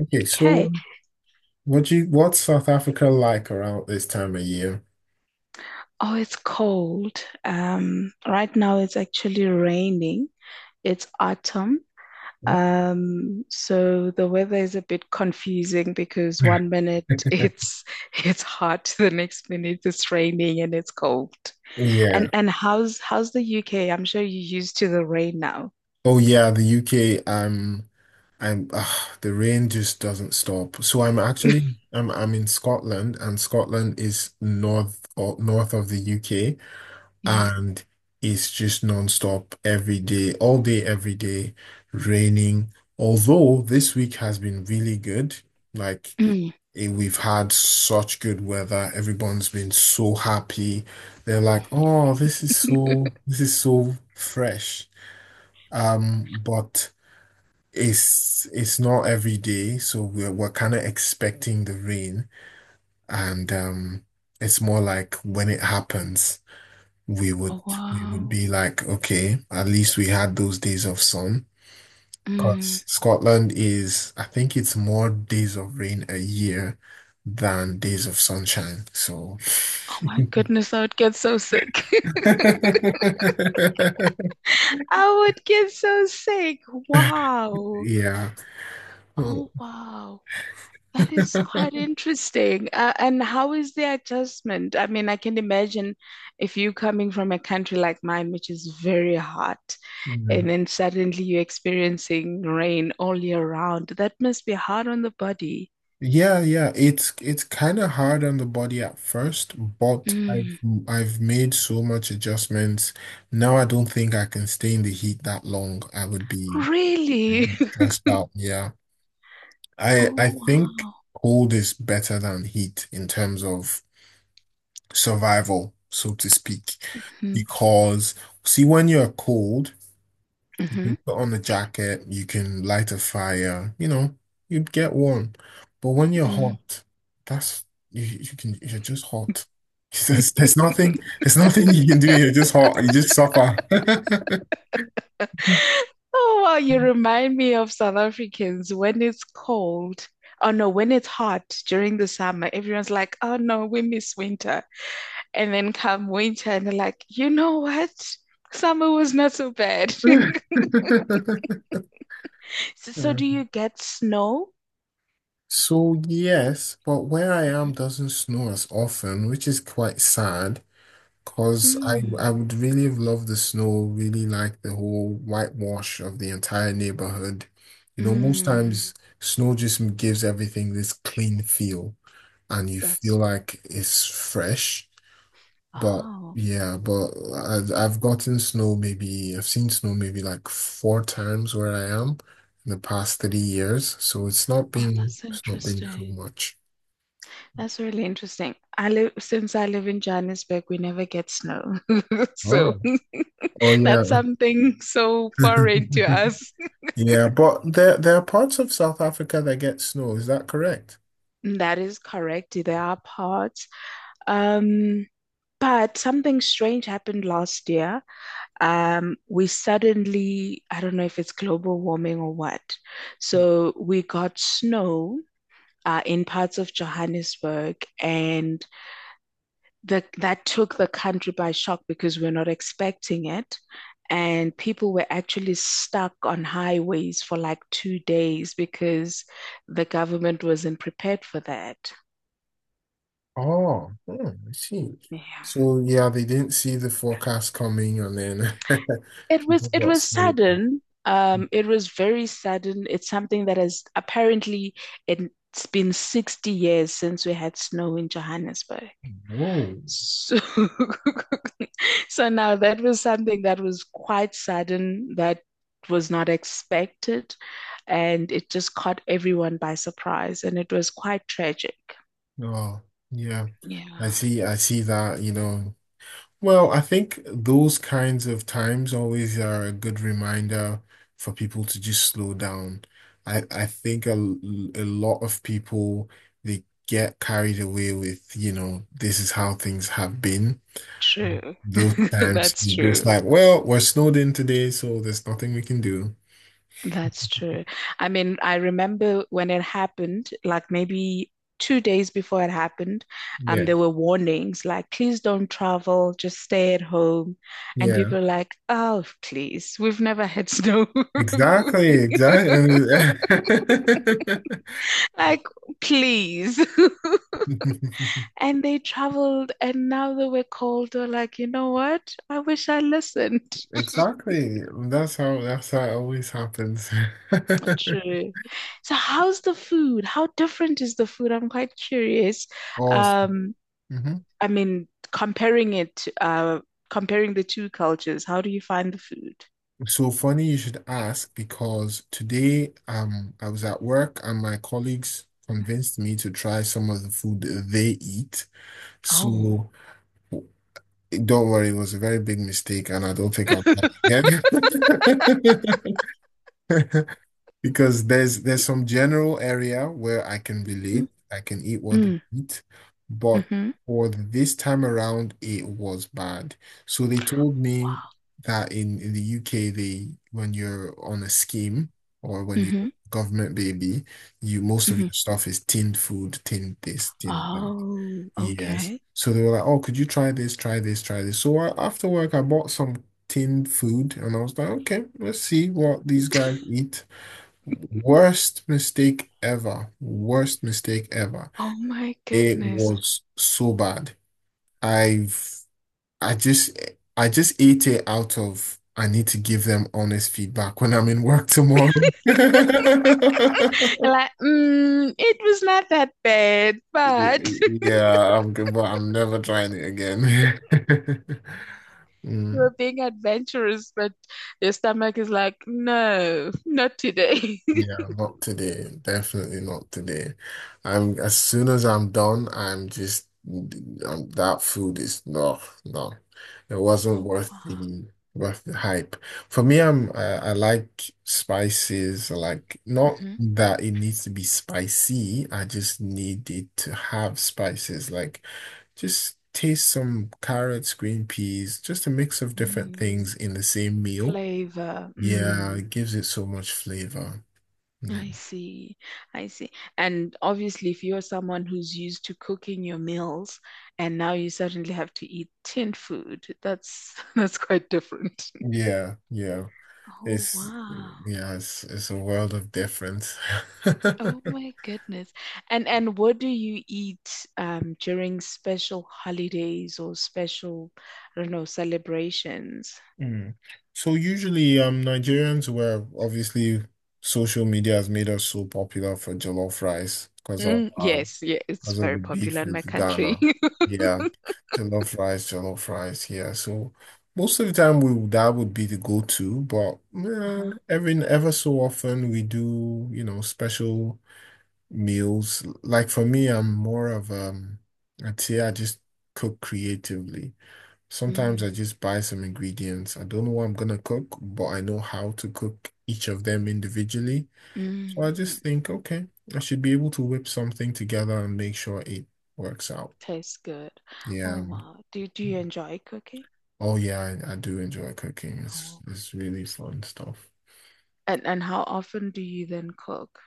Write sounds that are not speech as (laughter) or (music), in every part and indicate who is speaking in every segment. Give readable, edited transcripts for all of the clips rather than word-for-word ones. Speaker 1: Okay,
Speaker 2: Okay.
Speaker 1: so what's South Africa like around this time of year?
Speaker 2: Oh, it's cold. Right now it's actually raining. It's autumn.
Speaker 1: (laughs)
Speaker 2: So the weather is a bit confusing because one minute (laughs) it's hot, the next minute it's raining and it's cold. And
Speaker 1: Yeah.
Speaker 2: and how's the UK? I'm sure you're used to the rain now.
Speaker 1: Oh yeah, the UK. The rain just doesn't stop. So I'm in Scotland, and Scotland is north, or north of the UK,
Speaker 2: Mm. (laughs)
Speaker 1: and it's just non-stop every day, all day, every day, raining. Although this week has been really good. Like
Speaker 2: Mm.
Speaker 1: We've had such good weather. Everyone's been so happy. They're like, "Oh, this is so fresh." But it's not every day, so we're kind of expecting the rain, and it's more like when it happens, we would
Speaker 2: Oh
Speaker 1: we would
Speaker 2: wow.
Speaker 1: be like, "Okay, at least we had those days of sun."
Speaker 2: Mm.
Speaker 1: Because Scotland is, I think it's more days of rain a year than days of sunshine. So,
Speaker 2: Oh my goodness, I would get so sick. (laughs)
Speaker 1: (laughs)
Speaker 2: I would get so sick. Wow.
Speaker 1: yeah.
Speaker 2: Oh, wow. That is quite interesting. And how is the adjustment? I mean, I can imagine if you coming from a country like mine, which is very hot,
Speaker 1: Mm.
Speaker 2: and then suddenly you're experiencing rain all year round. That must be hard on the body.
Speaker 1: Yeah, yeah. It's kind of hard on the body at first, but
Speaker 2: Mm.
Speaker 1: I've made so much adjustments. Now I don't think I can stay in the heat that long. I'd
Speaker 2: Really?
Speaker 1: be
Speaker 2: (laughs)
Speaker 1: stressed out. Yeah. I
Speaker 2: Oh,
Speaker 1: I think
Speaker 2: wow.
Speaker 1: cold is better than heat in terms of survival, so to speak.
Speaker 2: Hmm.
Speaker 1: Because, see, when you're cold, you
Speaker 2: Mm-hmm.
Speaker 1: can put on a jacket, you can light a fire, you'd get warm. But when you're
Speaker 2: Mm.
Speaker 1: hot, that's you can you're just hot. (laughs) There's, there's nothing, there's nothing you can do. You're just hot. You just suffer. (laughs)
Speaker 2: Oh, wow, you remind me of South Africans when it's cold. Oh no, when it's hot during the summer, everyone's like, oh no, we miss winter. And then come winter, and they're like, you know what? Summer was not so bad. (laughs) So
Speaker 1: Yeah.
Speaker 2: do you get snow?
Speaker 1: So yes, but where I am doesn't snow as often, which is quite sad. Cause I
Speaker 2: Mm,
Speaker 1: I would really love the snow, really like the whole whitewash of the entire neighborhood. You know, most
Speaker 2: mm,
Speaker 1: times snow just gives everything this clean feel, and you feel
Speaker 2: that's,
Speaker 1: like it's fresh. But
Speaker 2: oh,
Speaker 1: yeah, but I've gotten snow maybe I've seen snow maybe like four times where I am in the past 30 years, so
Speaker 2: oh, that's
Speaker 1: it's not been too
Speaker 2: interesting.
Speaker 1: much.
Speaker 2: That's really interesting. Since I live in Johannesburg, we never get snow. (laughs)
Speaker 1: Oh,
Speaker 2: So.
Speaker 1: oh yeah.
Speaker 2: That's something so foreign to us.
Speaker 1: (laughs) Yeah, but there are parts of South Africa that get snow. Is that correct?
Speaker 2: That is correct. There are parts. Um, but something strange happened last year. We suddenly, I don't know if it's global warming or what. So we got snow in parts of Johannesburg, and that took the country by shock because we're not expecting it. And people were actually stuck on highways for like 2 days because the government wasn't prepared for that.
Speaker 1: Oh, hmm, I see.
Speaker 2: Yeah.
Speaker 1: So yeah, they didn't see the forecast coming, and then (laughs)
Speaker 2: It was
Speaker 1: people
Speaker 2: it
Speaker 1: got
Speaker 2: was
Speaker 1: snowed.
Speaker 2: sudden. It was very sudden. It's something that has apparently it's been 60 years since we had snow in Johannesburg.
Speaker 1: Whoa.
Speaker 2: So, (laughs) so now that was something that was quite sudden, that was not expected, and it just caught everyone by surprise, and it was quite tragic.
Speaker 1: Oh, yeah. I
Speaker 2: Yeah,
Speaker 1: see. I see that. You know, well, I think those kinds of times always are a good reminder for people to just slow down. I think a lot of people, they get carried away with, you know, this is how things have been.
Speaker 2: true.
Speaker 1: Those
Speaker 2: (laughs)
Speaker 1: times
Speaker 2: That's
Speaker 1: you're just
Speaker 2: true.
Speaker 1: like, well, we're snowed in today, so there's nothing we can do.
Speaker 2: That's true. I mean, I remember when it happened, like maybe 2 days before it happened,
Speaker 1: Yeah,
Speaker 2: there were warnings like, please don't travel, just stay at home. And
Speaker 1: yeah.
Speaker 2: people are like, oh, please, we've never had snow. (laughs)
Speaker 1: Exactly, exactly.
Speaker 2: Like, please. (laughs)
Speaker 1: (laughs)
Speaker 2: And they traveled, and now that we're cold, they're like, you know what? I wish I listened.
Speaker 1: Exactly. That's how it always happens.
Speaker 2: (laughs)
Speaker 1: (laughs)
Speaker 2: True. So, how's the food? How different is the food? I'm quite curious.
Speaker 1: Awesome.
Speaker 2: Um,
Speaker 1: Hmm.
Speaker 2: I mean, comparing it, uh, comparing the two cultures, how do you find the food?
Speaker 1: So funny you should ask, because today I was at work and my colleagues convinced me to try some of the food they eat.
Speaker 2: Oh,
Speaker 1: So don't worry, it was a very big mistake and I don't think I'll try again. (laughs) Because there's
Speaker 2: Y-
Speaker 1: some general area where I can
Speaker 2: Mm,
Speaker 1: relate, I can eat what they
Speaker 2: mm,
Speaker 1: eat, but
Speaker 2: hmm
Speaker 1: for this time around, it was bad. So they told me that in the UK, they when you're on a scheme or when you're
Speaker 2: hmm
Speaker 1: a government baby, you most of
Speaker 2: hmm.
Speaker 1: your stuff is tinned food, tinned this, tinned that.
Speaker 2: Oh,
Speaker 1: Yes.
Speaker 2: okay.
Speaker 1: So they were like, oh, could you try this, try this, try this? So I, after work, I bought some tinned food and I was like, okay, let's see what these guys eat. Worst mistake ever. Worst mistake ever.
Speaker 2: Oh my
Speaker 1: It
Speaker 2: goodness.
Speaker 1: was so bad. I've I just I just ate it out of I need to give them honest feedback when I'm in work tomorrow. (laughs)
Speaker 2: And like, mm, it was not that bad, but (laughs)
Speaker 1: Yeah, I'm good, but I'm never trying it again. (laughs)
Speaker 2: you
Speaker 1: Mm.
Speaker 2: were being adventurous, but your stomach is like, no, not today. (laughs)
Speaker 1: Yeah, not today. Definitely not today. I'm as soon as I'm done, I'm just that food is no, no. It wasn't
Speaker 2: Oh wow.
Speaker 1: worth the hype. For me, I like spices. I like not
Speaker 2: Hmm.
Speaker 1: that it needs to be spicy. I just need it to have spices. Like just taste some carrots, green peas, just a mix of different
Speaker 2: Mm.
Speaker 1: things in the same meal.
Speaker 2: Flavor.
Speaker 1: Yeah,
Speaker 2: Mm.
Speaker 1: it gives it so much flavor. Yeah.
Speaker 2: I see. I see. And obviously, if you're someone who's used to cooking your meals and now you suddenly have to eat tin food, that's (laughs) that's quite different. (laughs)
Speaker 1: Yeah, yeah.
Speaker 2: Oh
Speaker 1: It's
Speaker 2: wow.
Speaker 1: yeah, it's a world of difference. (laughs)
Speaker 2: Oh my goodness. And what do you eat during special holidays or special, I don't know, celebrations?
Speaker 1: Mm. So usually, Nigerians were obviously social media has made us so popular for jollof rice because of
Speaker 2: Mm,
Speaker 1: our
Speaker 2: yes, yeah, it's
Speaker 1: because of
Speaker 2: very
Speaker 1: the beef
Speaker 2: popular in my
Speaker 1: with
Speaker 2: country.
Speaker 1: Ghana.
Speaker 2: (laughs)
Speaker 1: Yeah, jollof rice, jollof rice. Yeah, so most of the time we that would be the go-to, but
Speaker 2: Uh-huh.
Speaker 1: every ever so often we do, you know, special meals. Like for me, I'm more of I'd say I just cook creatively. Sometimes
Speaker 2: Mm,
Speaker 1: I just buy some ingredients. I don't know what I'm gonna cook, but I know how to cook each of them individually. So I
Speaker 2: mm, mm.
Speaker 1: just think, okay, I should be able to whip something together and make sure it works out.
Speaker 2: Tastes good. Oh
Speaker 1: Yeah.
Speaker 2: wow. Do you enjoy cooking?
Speaker 1: Oh yeah, I do enjoy cooking.
Speaker 2: Oh,
Speaker 1: It's really
Speaker 2: s-
Speaker 1: fun stuff.
Speaker 2: and how often do you then cook?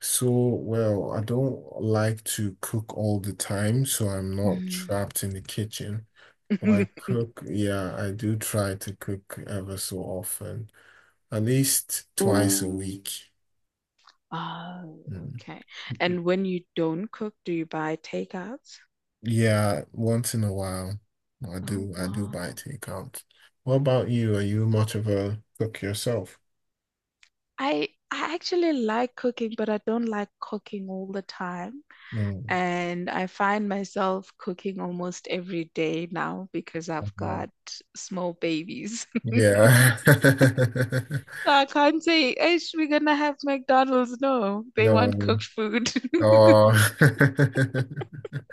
Speaker 1: So, well, I don't like to cook all the time, so I'm not
Speaker 2: Mm.
Speaker 1: trapped in the kitchen. I
Speaker 2: (laughs)
Speaker 1: cook, yeah, I do try to cook ever so often, at least twice a Mm. week.
Speaker 2: Oh,
Speaker 1: Mm.
Speaker 2: okay. And when you don't cook, do you buy takeouts?
Speaker 1: Yeah, once in a while,
Speaker 2: Oh
Speaker 1: I do buy
Speaker 2: wow.
Speaker 1: takeout. What about you? Are you much of a cook yourself?
Speaker 2: I actually like cooking, but I don't like cooking all the time.
Speaker 1: Mm.
Speaker 2: And I find myself cooking almost every day now because I've
Speaker 1: Mhm.
Speaker 2: got small babies. (laughs)
Speaker 1: Yeah. (laughs)
Speaker 2: So I can't say, Ish, we're gonna have McDonald's. No, they want
Speaker 1: No.
Speaker 2: cooked food.
Speaker 1: Oh.
Speaker 2: (laughs)
Speaker 1: (laughs)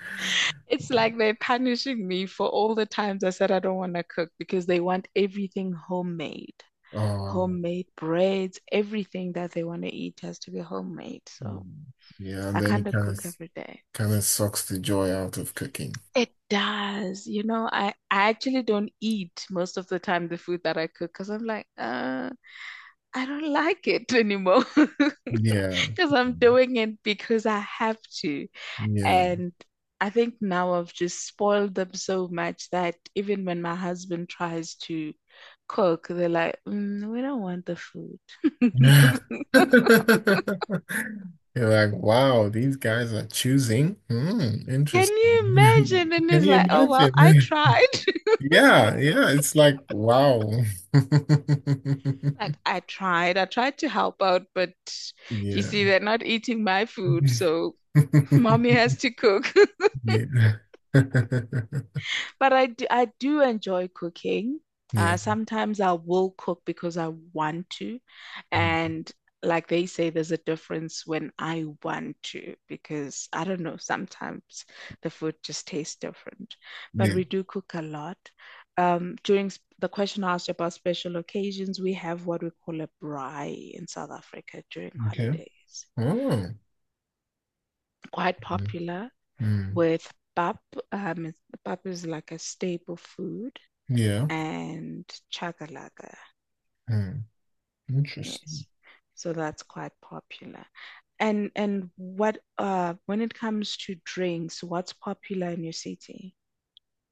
Speaker 2: It's like they're punishing me for all the times I said I don't want to cook because they want everything homemade.
Speaker 1: Oh.
Speaker 2: Homemade breads, everything that they want to eat has to be homemade. So
Speaker 1: Mm. Yeah, and
Speaker 2: I
Speaker 1: then
Speaker 2: kind
Speaker 1: it
Speaker 2: of
Speaker 1: kind of
Speaker 2: cook every day.
Speaker 1: kind of sucks the joy out of cooking.
Speaker 2: It does. You know, I actually don't eat most of the time the food that I cook because I'm like, I don't like it anymore (laughs)
Speaker 1: Yeah.
Speaker 2: because I'm doing it because I have to.
Speaker 1: Yeah.
Speaker 2: And I think now I've just spoiled them so much that even when my husband tries to cook, they're like, mm, we don't want the food. (laughs)
Speaker 1: (laughs)
Speaker 2: Can
Speaker 1: You're like, wow, these guys are choosing. Hmm, interesting.
Speaker 2: you
Speaker 1: (laughs)
Speaker 2: imagine? And
Speaker 1: Can
Speaker 2: it's
Speaker 1: you
Speaker 2: like, oh, well, I
Speaker 1: imagine?
Speaker 2: tried. (laughs)
Speaker 1: (laughs) Yeah, yeah, it's like, wow. (laughs)
Speaker 2: Like, I tried. I tried to help out, but you see,
Speaker 1: Yeah.
Speaker 2: they're not eating my food. So mommy has
Speaker 1: (laughs)
Speaker 2: to cook. (laughs)
Speaker 1: Yeah. (laughs)
Speaker 2: But I do enjoy cooking.
Speaker 1: Yeah. Yeah.
Speaker 2: Sometimes I will cook because I want to. And like they say, there's a difference when I want to, because I don't know, sometimes the food just tastes different. But
Speaker 1: Yeah.
Speaker 2: we do cook a lot. The question asked about special occasions, we have what we call a braai in South Africa during
Speaker 1: Okay.
Speaker 2: holidays.
Speaker 1: Oh.
Speaker 2: Quite
Speaker 1: Mm.
Speaker 2: popular
Speaker 1: Mm.
Speaker 2: with pap. Um, Pap is like a staple food
Speaker 1: Yeah.
Speaker 2: and chakalaka.
Speaker 1: Mm. Interesting.
Speaker 2: Yes. So that's quite popular. And what when it comes to drinks, what's popular in your city?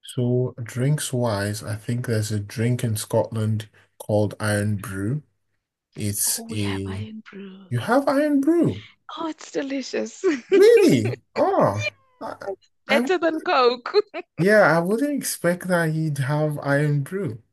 Speaker 1: So, drinks wise, I think there's a drink in Scotland called Iron Brew. It's
Speaker 2: Oh, we have
Speaker 1: a
Speaker 2: iron brew.
Speaker 1: you have Iron Brew?
Speaker 2: Oh, it's delicious.
Speaker 1: Really? Oh, I,
Speaker 2: (laughs)
Speaker 1: I
Speaker 2: Better than
Speaker 1: wouldn't-
Speaker 2: Coke. (laughs)
Speaker 1: yeah, I wouldn't expect that you'd have Iron Brew.